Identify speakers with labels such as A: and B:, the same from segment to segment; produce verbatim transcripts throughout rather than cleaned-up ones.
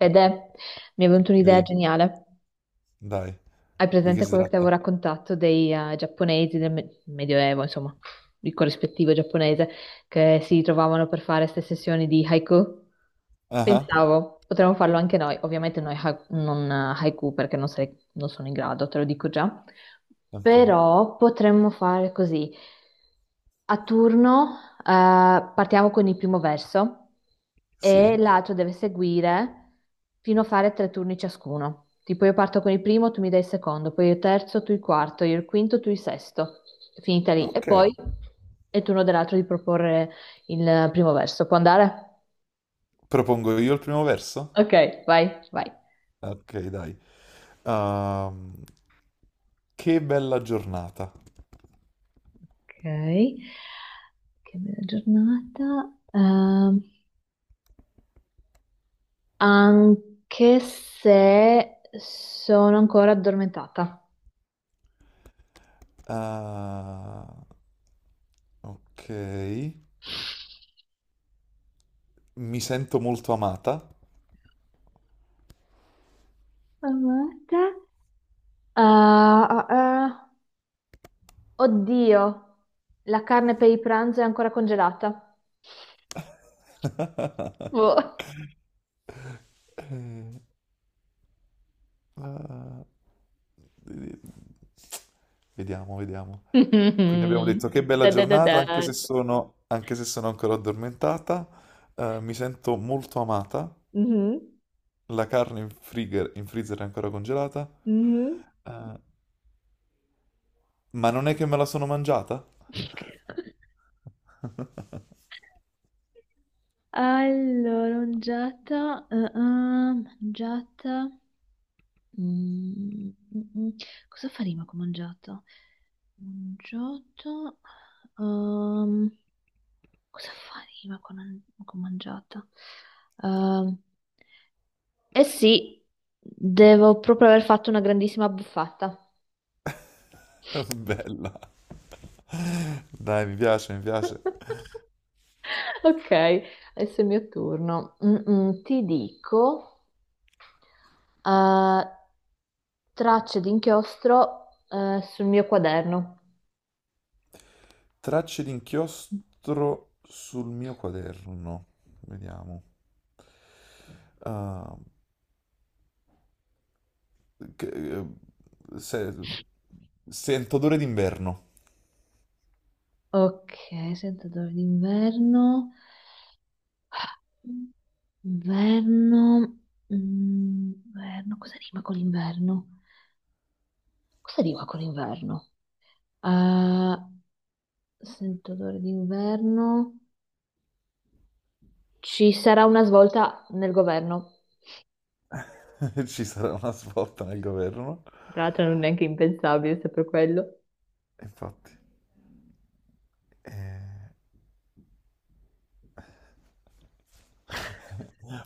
A: Fede, mi è venuta un'idea
B: Ehi,
A: geniale.
B: dai,
A: Hai
B: di che
A: presente
B: si
A: quello che ti
B: tratta?
A: avevo raccontato dei eh, giapponesi del me- Medioevo, insomma, il corrispettivo giapponese, che si trovavano per fare queste sessioni di haiku?
B: Ah, ah,
A: Pensavo, potremmo farlo anche noi. Ovviamente noi ha- non eh, haiku perché non, sei- non sono in grado, te lo dico già.
B: ok,
A: Però potremmo fare così. A turno eh, partiamo con il primo verso e
B: sì,
A: l'altro deve seguire fino a fare tre turni ciascuno. Tipo io parto con il primo, tu mi dai il secondo, poi io il terzo, tu il quarto, io il quinto, tu il sesto. Finita lì. E
B: ok.
A: poi è il turno dell'altro di proporre il primo verso. Può andare?
B: Propongo io il primo verso?
A: Ok, vai, vai.
B: Ok, dai. Ehm, che bella giornata.
A: Ok. Che bella giornata. Ehm, anche se sono ancora addormentata.
B: Ah, ok, mi sento molto amata.
A: Amata. Ah, ah, ah. Oddio, la carne per il pranzo è ancora congelata. Boh.
B: Ah, vediamo, vediamo. Quindi abbiamo detto che bella
A: Da da da
B: giornata,
A: da.
B: anche se sono, anche se sono ancora addormentata. Eh, mi sento molto amata.
A: Mhm,
B: La carne in friger- in freezer è ancora congelata.
A: mhm.
B: Eh, ma non è che me la sono mangiata?
A: Allora, mangiata, ah, ah, mangiata. Mm, mm, mm. Cosa faremo che ho mangiato? Ho mangiato... ehm, cosa faremo che ho che ho mangiato? Ehm, eh sì, devo proprio aver fatto una grandissima buffata.
B: Bella. Dai, mi piace, mi piace.
A: Ok, adesso è il mio turno. Mm, mm, ti dico, eh, tracce di inchiostro, eh, sul mio quaderno.
B: Tracce di inchiostro sul mio quaderno. Vediamo. Ah, che- eh, se- sento odore d'inverno.
A: Ok, sentatore d'inverno. Inverno. Mm, inverno. Cosa rima con l'inverno? Cosa rima con l'inverno? Ah, sento odore d'inverno. Ci sarà una svolta nel governo.
B: Ci sarà una svolta nel governo.
A: Tra l'altro non è neanche impensabile, se per quello.
B: Infatti.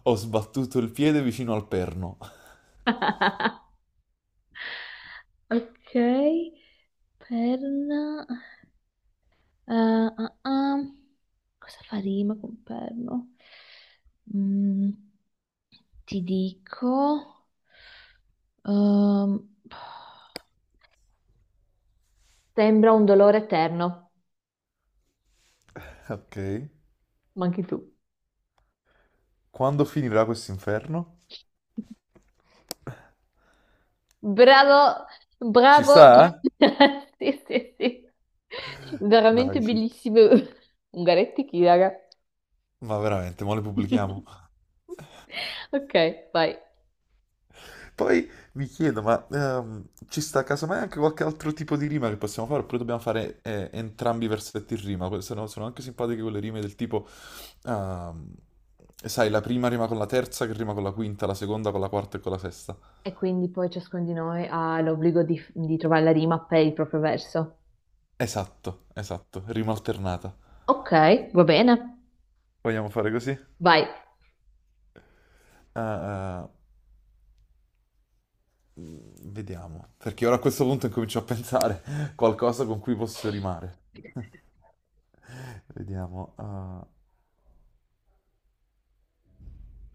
B: Ho sbattuto il piede vicino al perno.
A: Ok, perna. Eh, ah, ah. Cosa fa rima con perno? Mm, ti dico, ehm, sembra un dolore eterno,
B: Ok.
A: ma anche tu.
B: Quando finirà questo inferno?
A: Bravo,
B: Ci
A: bravo.
B: sta?
A: Sì, sì, sì. Veramente
B: Dai, ci
A: bellissimo. Ungaretti chi, raga?
B: ma veramente, mo le pubblichiamo.
A: Ok, vai.
B: Poi mi chiedo, ma ehm, ci sta casomai anche qualche altro tipo di rima che possiamo fare? Oppure dobbiamo fare eh, entrambi i versetti in rima? Que- Sono, sono anche simpatiche quelle rime del tipo, ehm, sai, la prima rima con la terza, che rima con la quinta, la seconda con la quarta e con la sesta.
A: E quindi poi ciascuno di noi ha l'obbligo di, di trovare la rima per il proprio verso.
B: Esatto, esatto, rima alternata.
A: Ok, va bene.
B: Vogliamo fare così?
A: Vai.
B: Ah, ah, mm, vediamo, perché ora a questo punto incomincio a pensare qualcosa con cui posso rimare. Vediamo. eh.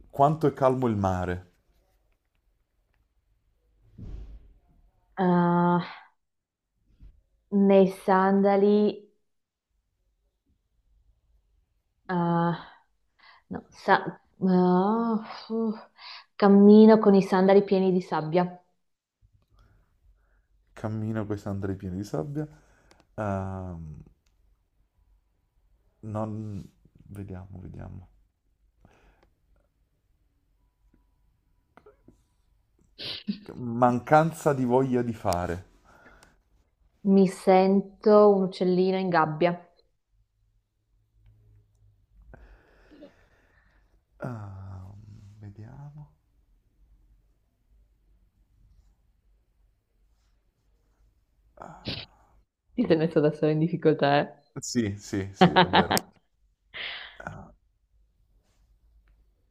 B: Quanto è calmo il mare?
A: Uh, nei sandali, uh, no, sa- uh, fu- cammino con i sandali pieni di sabbia.
B: Cammino con i sandali pieni di sabbia. Ehm, Non... Vediamo, vediamo. Mancanza di voglia di fare.
A: Mi sento un uccellino in gabbia.
B: Ah, vediamo. Ah,
A: Ti sei messo da solo in difficoltà, eh?
B: sì, sì, sì, è vero. Ah,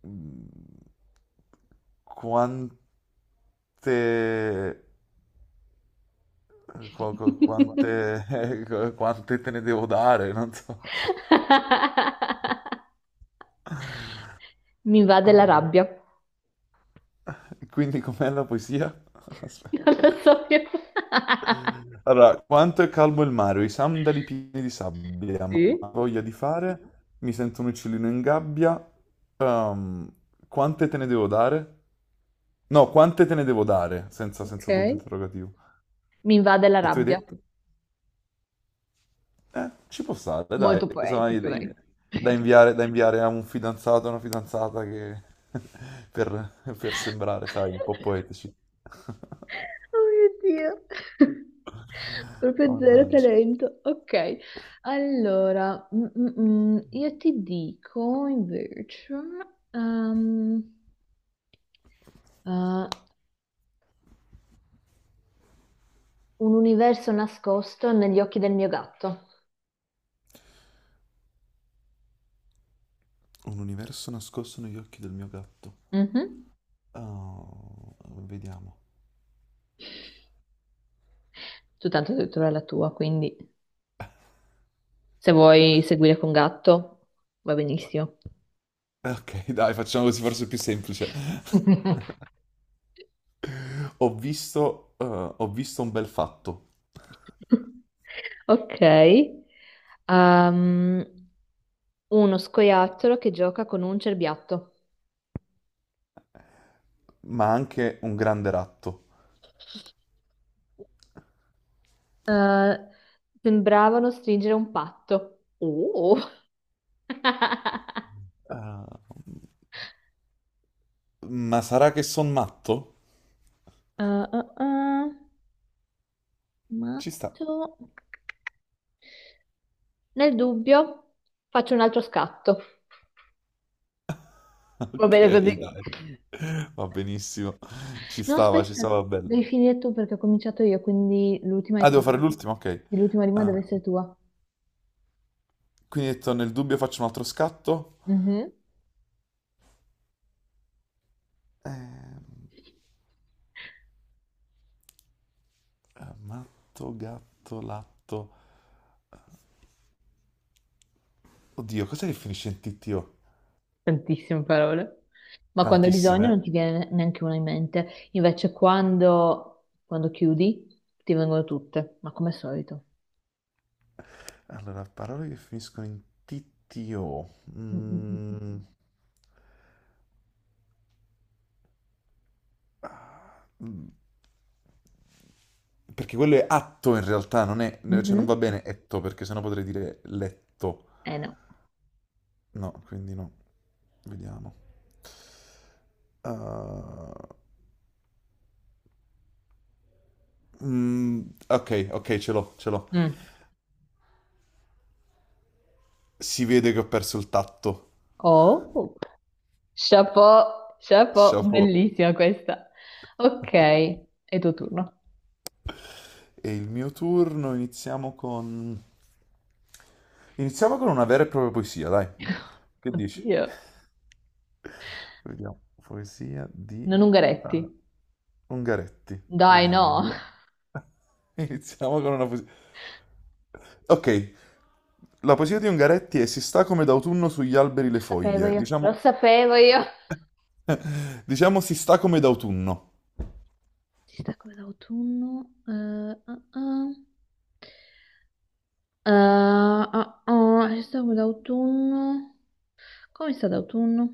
B: mm, quante... qu- qu- Quante... quante te ne devo dare? Non so.
A: Mi va
B: Oh,
A: della
B: no.
A: rabbia.
B: Quindi com'è la poesia? Aspetta.
A: Non lo so più.
B: Allora, quanto è calmo il mare, ho i sandali pieni di sabbia, ma
A: Sì,
B: ho voglia di fare, mi sento un uccellino in gabbia, ehm, quante te ne devo dare? No, quante te ne devo dare, senza, senza punto
A: ok.
B: interrogativo.
A: Mi invade la
B: E tu hai
A: rabbia.
B: detto, eh, ci può stare, dai,
A: Molto
B: casomai
A: poetico,
B: da
A: dai.
B: da inviare, da inviare a un fidanzato, a una fidanzata che... per, per sembrare, sai, un po' poetici.
A: Oh mio Dio. Proprio zero
B: Mannaggia.
A: talento. Ok. Allora, mm, mm, mm, io ti dico invece ehm, eh, un universo nascosto negli occhi del mio gatto.
B: Un universo nascosto negli occhi del mio gatto.
A: Mhm.
B: Oh, vediamo.
A: Tu tanto hai detto la tua, quindi se vuoi seguire con gatto, va benissimo.
B: Ok, dai, facciamo così, forse è più semplice. Ho visto, eh, ho visto un bel fatto,
A: Ok. Ehm, uno scoiattolo che gioca con un cerbiatto.
B: ma anche un grande ratto.
A: Eh, sembravano stringere un patto. Uh.
B: Ma sarà che son matto?
A: Uh, uh, uh,
B: Ci sta.
A: matto. Nel dubbio, faccio un altro scatto. Va
B: Ok,
A: bene così.
B: dai, va benissimo. Ci
A: No,
B: stava, ci
A: aspetta,
B: stava bello.
A: devi finire tu perché ho cominciato io, quindi l'ultima è
B: Ah, devo
A: tua.
B: fare l'ultimo, ok.
A: L'ultima rima deve
B: Eh,
A: essere tua.
B: quindi ho detto, nel dubbio faccio un altro scatto.
A: Mhm.
B: Ehm, eh, matto, gatto, latto. Oddio, cos'è che finisce in T T O?
A: Tantissime parole. Ma quando hai
B: Tantissime,
A: bisogno
B: eh?
A: non ti viene neanche una in mente. Invece quando, quando chiudi ti vengono tutte, ma come al solito.
B: Allora, parole che finiscono in T T O.
A: Mm, mm,
B: Mm, mm, perché quello è atto in realtà, non è,
A: mm, mm.
B: cioè non va
A: Mhm.
B: bene etto, perché sennò potrei dire letto.
A: Eh no.
B: No, quindi no. Vediamo. Ah, mm, ok, ok, ce l'ho, ce l'ho.
A: Mm.
B: Si vede che ho perso il tatto.
A: Oh, chapeau, chapeau,
B: Chapeau.
A: bellissima questa. Ok, è tuo turno.
B: E il mio turno iniziamo con... Iniziamo con una vera e propria poesia, dai. Che dici?
A: Oddio,
B: Vediamo. Poesia di
A: non Ungaretti.
B: ah, Ungaretti.
A: Dai,
B: Vediamo. Una
A: no.
B: bella- Iniziamo con una poesia. Ok. La poesia di Ungaretti è Si sta come d'autunno sugli alberi le
A: Sapevo
B: foglie.
A: io, lo
B: Diciamo,
A: sapevo io.
B: diciamo si sta come d'autunno.
A: Si sta come d'autunno. Eh, ah, ah. Eh, ah, ah, si sta come d'autunno. Come sta d'autunno?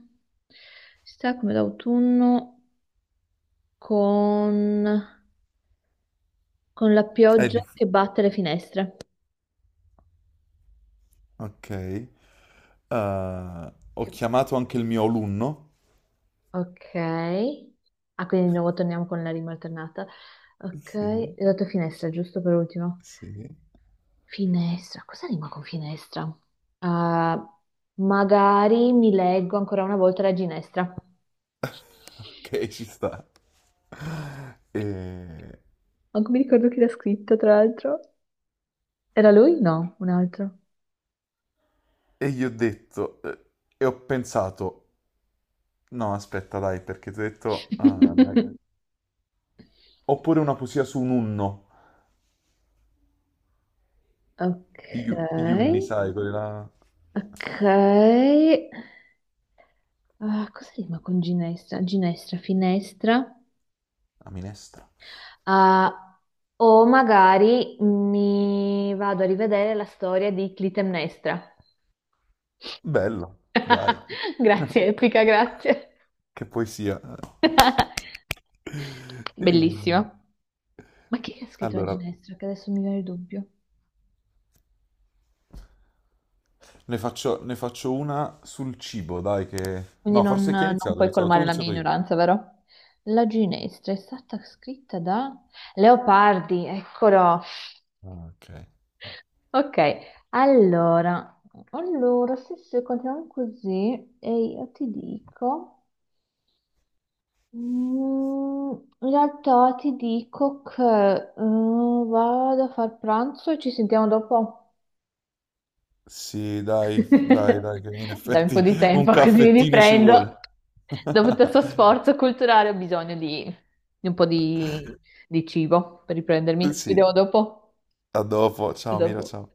A: Si sta come d'autunno con, con la
B: È
A: pioggia
B: di...
A: che batte le finestre.
B: Ok. Eh, ho
A: Che-
B: chiamato anche il mio alunno.
A: Ok. Ah, quindi di nuovo torniamo con la rima alternata. Ok,
B: Sì,
A: le tue finestre, giusto per ultimo.
B: sì,
A: Finestra, cosa rima con finestra? Ah, magari mi leggo ancora una volta la ginestra.
B: ok, ci sta. E,
A: Manco mi ricordo chi l'ha scritto, tra l'altro. Era lui? No, un altro.
B: e gli ho detto, eh, e ho pensato, no, aspetta, dai, perché ti ho detto, ah, ma- oppure una poesia su un unno,
A: Ok,
B: gli u- gli unni, sai, quella,
A: ok. Ah, cosa rima con ginestra? Ginestra, finestra.
B: la minestra.
A: Ah, o magari mi vado a rivedere la storia di Clitemnestra.
B: Bello, dai,
A: Grazie, Epica, grazie.
B: che poesia.
A: Bellissima.
B: E-
A: Ma chi è che ha scritto la
B: allora,
A: ginestra? Che adesso mi viene il dubbio.
B: ne faccio, ne faccio una sul cibo, dai, che...
A: Quindi
B: No,
A: non,
B: forse chi ha
A: non
B: iniziato? Hai
A: puoi
B: iniziato tu, o ho
A: colmare la mia
B: iniziato io.
A: ignoranza, vero? La ginestra è stata scritta da Leopardi, eccolo.
B: Ah, ok.
A: Ok, allora, allora, se, se continuiamo così, e io ti dico, mm, in realtà ti dico che mm, vado a far pranzo e ci sentiamo dopo.
B: Sì, dai, dai, dai, che in
A: Dai un
B: effetti
A: po' di
B: un poi ci
A: tempo così mi
B: caffettino ci sentiamo. Vuole.
A: riprendo. Dopo tutto questo sforzo culturale ho bisogno di, di un po' di, di cibo per riprendermi. Ci
B: Sì,
A: vediamo dopo.
B: a dopo.
A: A
B: Ciao Mira,
A: dopo.
B: ciao.